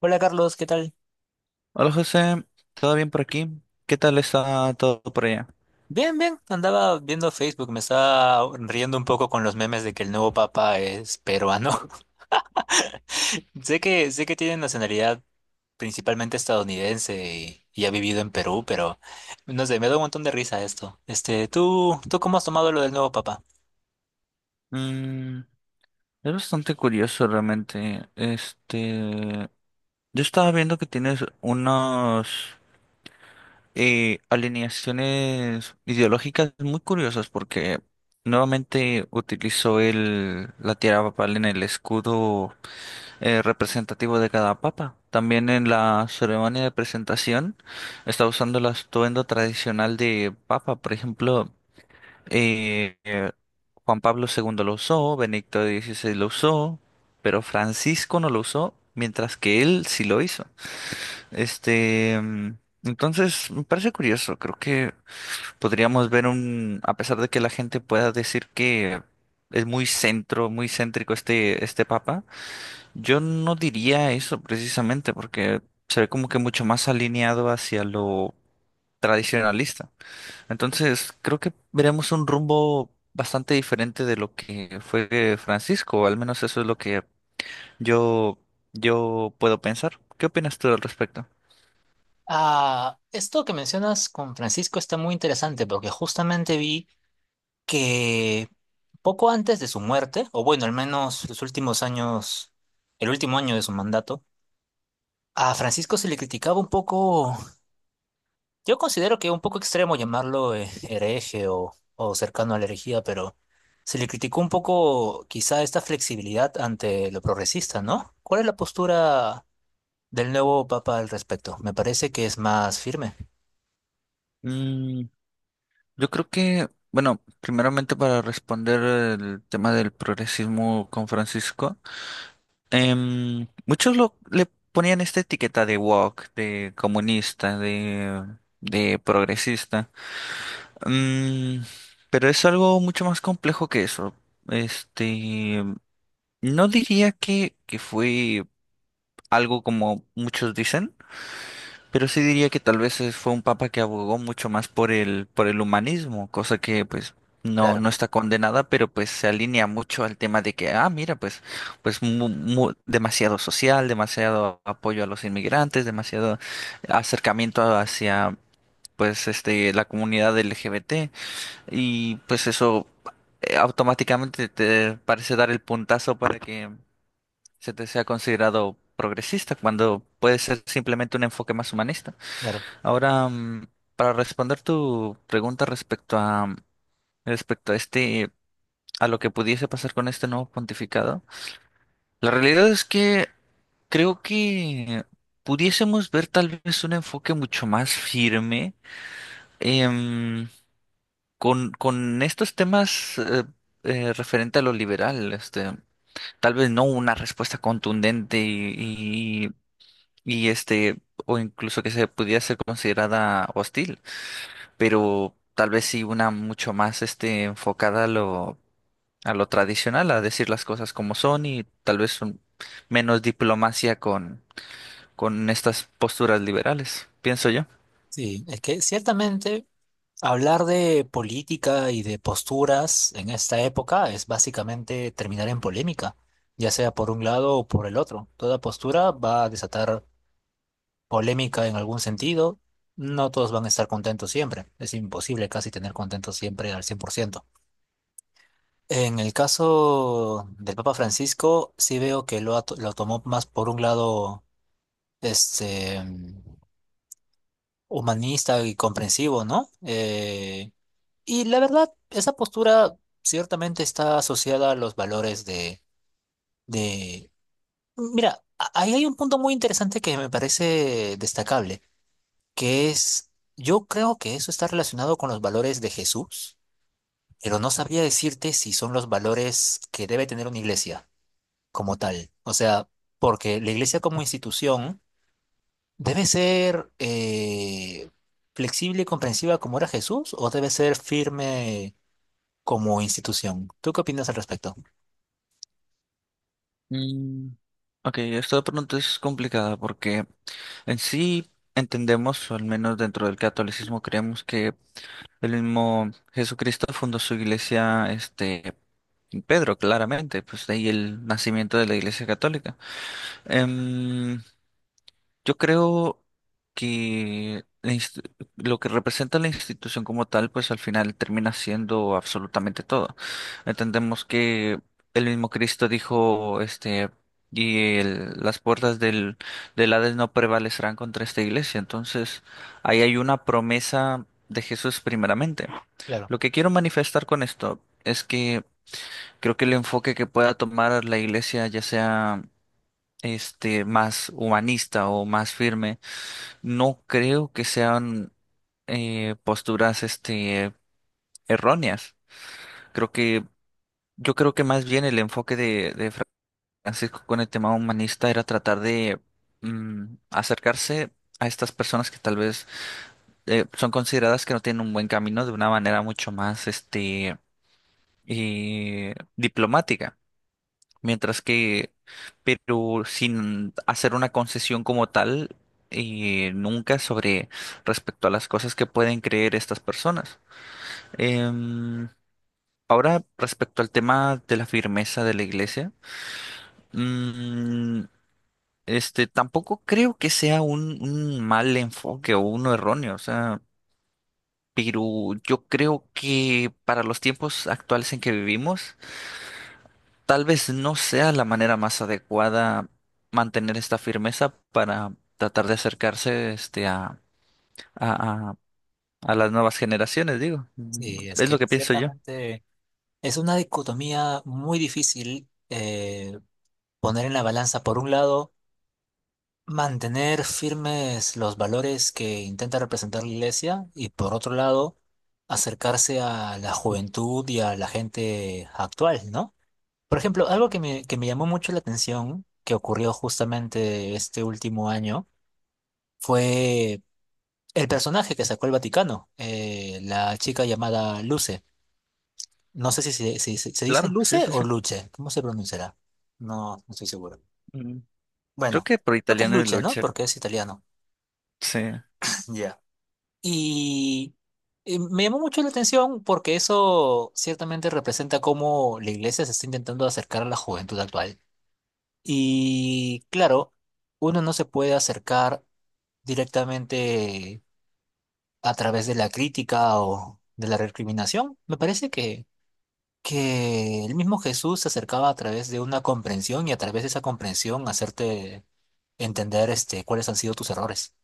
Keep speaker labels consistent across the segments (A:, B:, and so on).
A: Hola Carlos, ¿qué tal?
B: Hola José, ¿todo bien por aquí? ¿Qué tal está todo por allá?
A: Bien, bien, andaba viendo Facebook, me estaba riendo un poco con los memes de que el nuevo papa es peruano. Sé que tiene nacionalidad principalmente estadounidense y ha vivido en Perú, pero no sé, me da un montón de risa esto. Este, ¿tú cómo has tomado lo del nuevo papa?
B: Mm, es bastante curioso realmente. Yo estaba viendo que tienes unas alineaciones ideológicas muy curiosas porque nuevamente utilizó la tierra papal en el escudo representativo de cada papa. También en la ceremonia de presentación está usando el atuendo tradicional de papa, por ejemplo. Eh, eh, Juan Pablo II lo usó, Benedicto XVI lo usó, pero Francisco no lo usó, mientras que él sí lo hizo. Este, mm, entonces me parece curioso, creo que podríamos ver a pesar de que la gente pueda decir que es muy centro, muy céntrico este papa, yo no diría eso precisamente, porque se ve como que mucho más alineado hacia lo tradicionalista. Entonces, creo que veremos un rumbo bastante diferente de lo que fue Francisco, o al menos eso es lo que yo, yo puedo pensar. ¿Qué opinas tú al respecto?
A: Ah, esto que mencionas con Francisco está muy interesante porque justamente vi que poco antes de su muerte, o bueno, al menos los últimos años, el último año de su mandato, a Francisco se le criticaba un poco, yo considero que un poco extremo llamarlo hereje o cercano a la herejía, pero se le criticó un poco quizá esta flexibilidad ante lo progresista, ¿no? ¿Cuál es la postura del nuevo papa al respecto? Me parece que es más firme.
B: Mm, yo creo que, bueno, primeramente para responder el tema del progresismo con Francisco, muchos le ponían esta etiqueta de woke, de comunista, de progresista. Mm, pero es algo mucho más complejo que eso. Este, no diría que fue algo como muchos dicen, pero sí diría que tal vez fue un papa que abogó mucho más por el humanismo, cosa que pues no,
A: Claro,
B: no está condenada, pero pues se alinea mucho al tema de que, ah, mira, pues, pues demasiado social, demasiado apoyo a los inmigrantes, demasiado acercamiento hacia pues este la comunidad LGBT. Y pues eso automáticamente te parece dar el puntazo para que se te sea considerado progresista, cuando puede ser simplemente un enfoque más humanista.
A: claro.
B: Ahora, para responder tu pregunta respecto a respecto a este a lo que pudiese pasar con este nuevo pontificado, la realidad es que creo que pudiésemos ver tal vez un enfoque mucho más firme. em, con estos temas referente a lo liberal, tal vez no una respuesta contundente y o incluso que se pudiera ser considerada hostil, pero tal vez sí una mucho más enfocada a lo tradicional, a decir las cosas como son y tal vez menos diplomacia con estas posturas liberales, pienso yo.
A: Sí, es que ciertamente hablar de política y de posturas en esta época es básicamente terminar en polémica, ya sea por un lado o por el otro. Toda postura va a desatar polémica en algún sentido, no todos van a estar contentos siempre. Es imposible casi tener contentos siempre al cien por ciento. En el caso del Papa Francisco, sí veo que lo tomó más por un lado este, humanista y comprensivo, ¿no? Y la verdad, esa postura ciertamente está asociada a los valores de... Mira, ahí hay un punto muy interesante que me parece destacable. Que es, yo creo que eso está relacionado con los valores de Jesús, pero no sabría decirte si son los valores que debe tener una iglesia como tal. O sea, porque la iglesia como institución debe ser flexible y comprensiva como era Jesús o debe ser firme como institución. ¿Tú qué opinas al respecto?
B: Mm, ok, esta pregunta es complicada porque en sí entendemos, o al menos dentro del catolicismo creemos que el mismo Jesucristo fundó su iglesia, en Pedro, claramente, pues de ahí el nacimiento de la iglesia católica. Em, yo creo que lo que representa la institución como tal, pues al final termina siendo absolutamente todo. Entendemos que el mismo Cristo dijo, y las puertas del, del Hades no prevalecerán contra esta iglesia. Entonces, ahí hay una promesa de Jesús primeramente.
A: Claro,
B: Lo que quiero manifestar con esto es que creo que el enfoque que pueda tomar la iglesia, ya sea más humanista o más firme, no creo que sean posturas erróneas. Creo que, yo creo que más bien el enfoque de Francisco con el tema humanista era tratar de acercarse a estas personas que tal vez son consideradas que no tienen un buen camino de una manera mucho más diplomática. Mientras que, pero sin hacer una concesión como tal, nunca sobre respecto a las cosas que pueden creer estas personas. Em, ahora, respecto al tema de la firmeza de la iglesia, mm, tampoco creo que sea un mal enfoque o uno erróneo, o sea, pero yo creo que para los tiempos actuales en que vivimos, tal vez no sea la manera más adecuada mantener esta firmeza para tratar de acercarse a, a- a las nuevas generaciones, digo.
A: sí, es
B: Es lo
A: que
B: que pienso yo.
A: ciertamente es una dicotomía muy difícil poner en la balanza, por un lado, mantener firmes los valores que intenta representar la iglesia y por otro lado acercarse a la juventud y a la gente actual, ¿no? Por ejemplo, algo que me llamó mucho la atención que ocurrió justamente este último año fue el personaje que sacó el Vaticano, la chica llamada Luce. No sé si se, si se dice
B: Claro, sí,
A: Luce
B: sí,
A: o
B: sí.
A: Luce, ¿cómo se pronunciará? No, no estoy seguro.
B: Mm, Creo
A: Bueno,
B: que por
A: creo que es
B: italiano es
A: Luce, ¿no?
B: Lucher.
A: Porque es italiano.
B: Sí.
A: Ya. Y me llamó mucho la atención porque eso ciertamente representa cómo la iglesia se está intentando acercar a la juventud actual. Y claro, uno no se puede acercar directamente a través de la crítica o de la recriminación. Me parece que el mismo Jesús se acercaba a través de una comprensión y a través de esa comprensión hacerte entender este, cuáles han sido tus errores.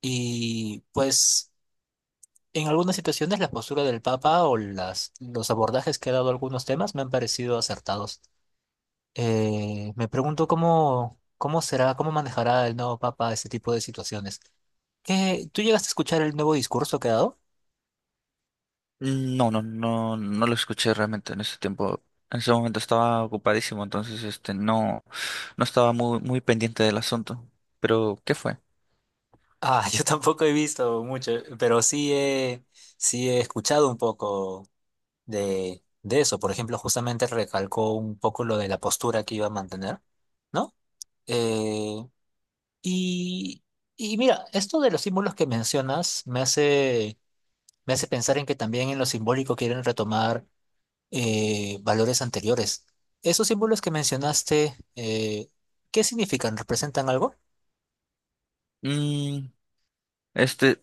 A: Y pues... en algunas situaciones la postura del Papa o las, los abordajes que ha dado a algunos temas me han parecido acertados. Me pregunto cómo, cómo será, cómo manejará el nuevo Papa este tipo de situaciones. ¿Qué- ¿Tú llegaste a escuchar el nuevo discurso que ha dado?
B: No, no, no, no lo escuché realmente en ese tiempo. En ese momento estaba ocupadísimo, entonces este no, no estaba muy, muy pendiente del asunto. Pero, ¿qué fue?
A: Ah, yo tampoco he visto mucho, pero sí he escuchado un poco de eso. Por ejemplo, justamente recalcó un poco lo de la postura que iba a mantener, ¿no? Eh, Y, y mira, esto de los símbolos que mencionas me hace pensar en que también en lo simbólico quieren retomar valores anteriores. ¿Esos símbolos que mencionaste, qué significan? ¿Representan algo?
B: Mm, Este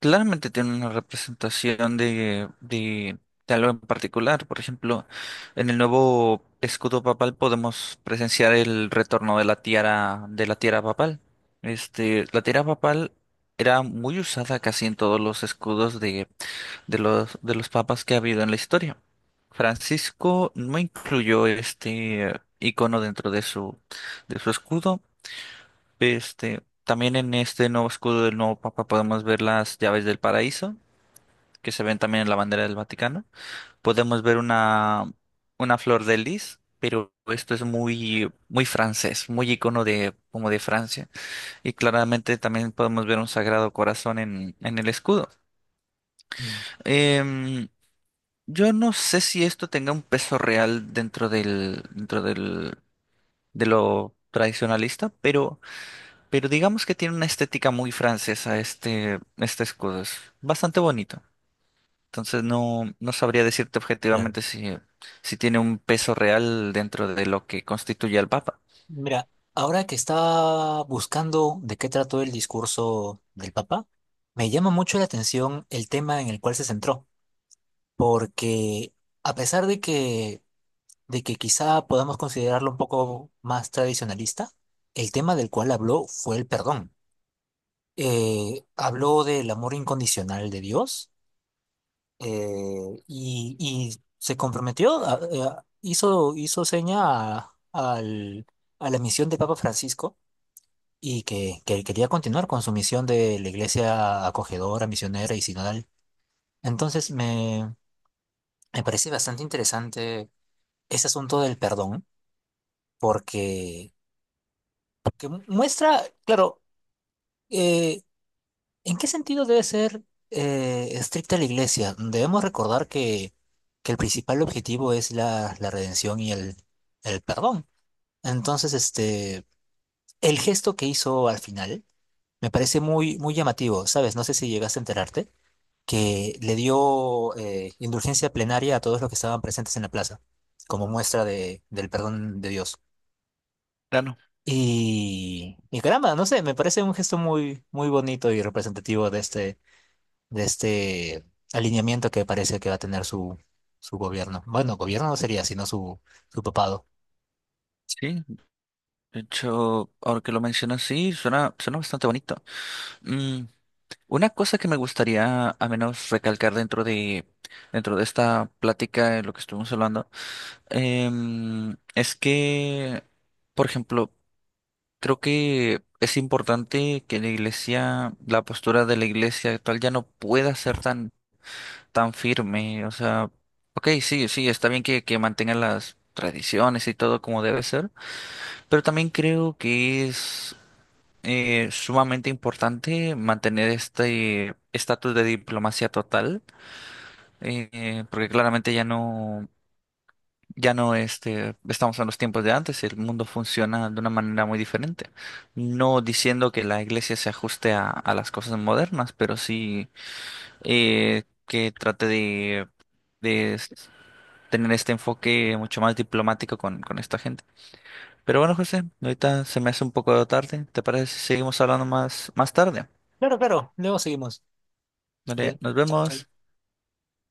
B: claramente tiene una representación de algo en particular. Por ejemplo, en el nuevo escudo papal podemos presenciar el retorno de la tiara papal. La tiara papal era muy usada casi en todos los escudos de los papas que ha habido en la historia. Francisco no incluyó este icono dentro de su escudo. También en este nuevo escudo del nuevo Papa podemos ver las llaves del paraíso, que se ven también en la bandera del Vaticano. Podemos ver una flor de lis, pero esto es muy, muy francés, muy icono de, como de Francia. Y claramente también podemos ver un Sagrado Corazón en el escudo.
A: Mm,
B: Em, yo no sé si esto tenga un peso real dentro del, de lo tradicionalista, pero digamos que tiene una estética muy francesa este escudo. Es bastante bonito. Entonces no, no sabría decirte
A: Claro.
B: objetivamente si, si tiene un peso real dentro de lo que constituye al Papa.
A: Mira, ahora que estaba buscando de qué trató el discurso del Papa, me llama mucho la atención el tema en el cual se centró, porque a pesar de que quizá podamos considerarlo un poco más tradicionalista, el tema del cual habló fue el perdón. Habló del amor incondicional de Dios eh, y se comprometió, hizo, hizo seña a la misión de Papa Francisco y que quería continuar con su misión de la iglesia acogedora, misionera y sinodal. Entonces me parece bastante interesante ese asunto del perdón porque muestra, claro, eh, ¿en qué sentido debe ser estricta la iglesia? Debemos recordar que el principal objetivo es la, la redención y el perdón. Entonces, este, el gesto que hizo al final me parece muy, muy llamativo, ¿sabes? No sé si llegaste a enterarte, que le dio indulgencia plenaria a todos los que estaban presentes en la plaza, como muestra de, del perdón de Dios.
B: Claro.
A: Y caramba, no sé, me parece un gesto muy, muy bonito y representativo de este alineamiento que parece que va a tener su, su gobierno. Bueno, gobierno no sería, sino su, su papado.
B: Sí, de hecho, ahora que lo mencionas, sí, suena, suena bastante bonito. Mm, una cosa que me gustaría a menos recalcar dentro de esta plática de lo que estuvimos hablando, es que, por ejemplo, creo que es importante que la iglesia, la postura de la iglesia actual ya no pueda ser tan, tan firme. O sea, ok, sí, sí, está bien que mantengan las tradiciones y todo como debe ser, pero también creo que es sumamente importante mantener este estatus de diplomacia total, porque claramente ya no. Ya no estamos en los tiempos de antes, el mundo funciona de una manera muy diferente. No diciendo que la iglesia se ajuste a las cosas modernas, pero sí que trate de, de s- tener este enfoque mucho más diplomático con esta gente. Pero bueno, José, ahorita se me hace un poco tarde. ¿Te parece si seguimos hablando más, más tarde?
A: Claro, claro, luego seguimos.
B: Vale,
A: Vale.
B: nos
A: Chau, chau.
B: vemos.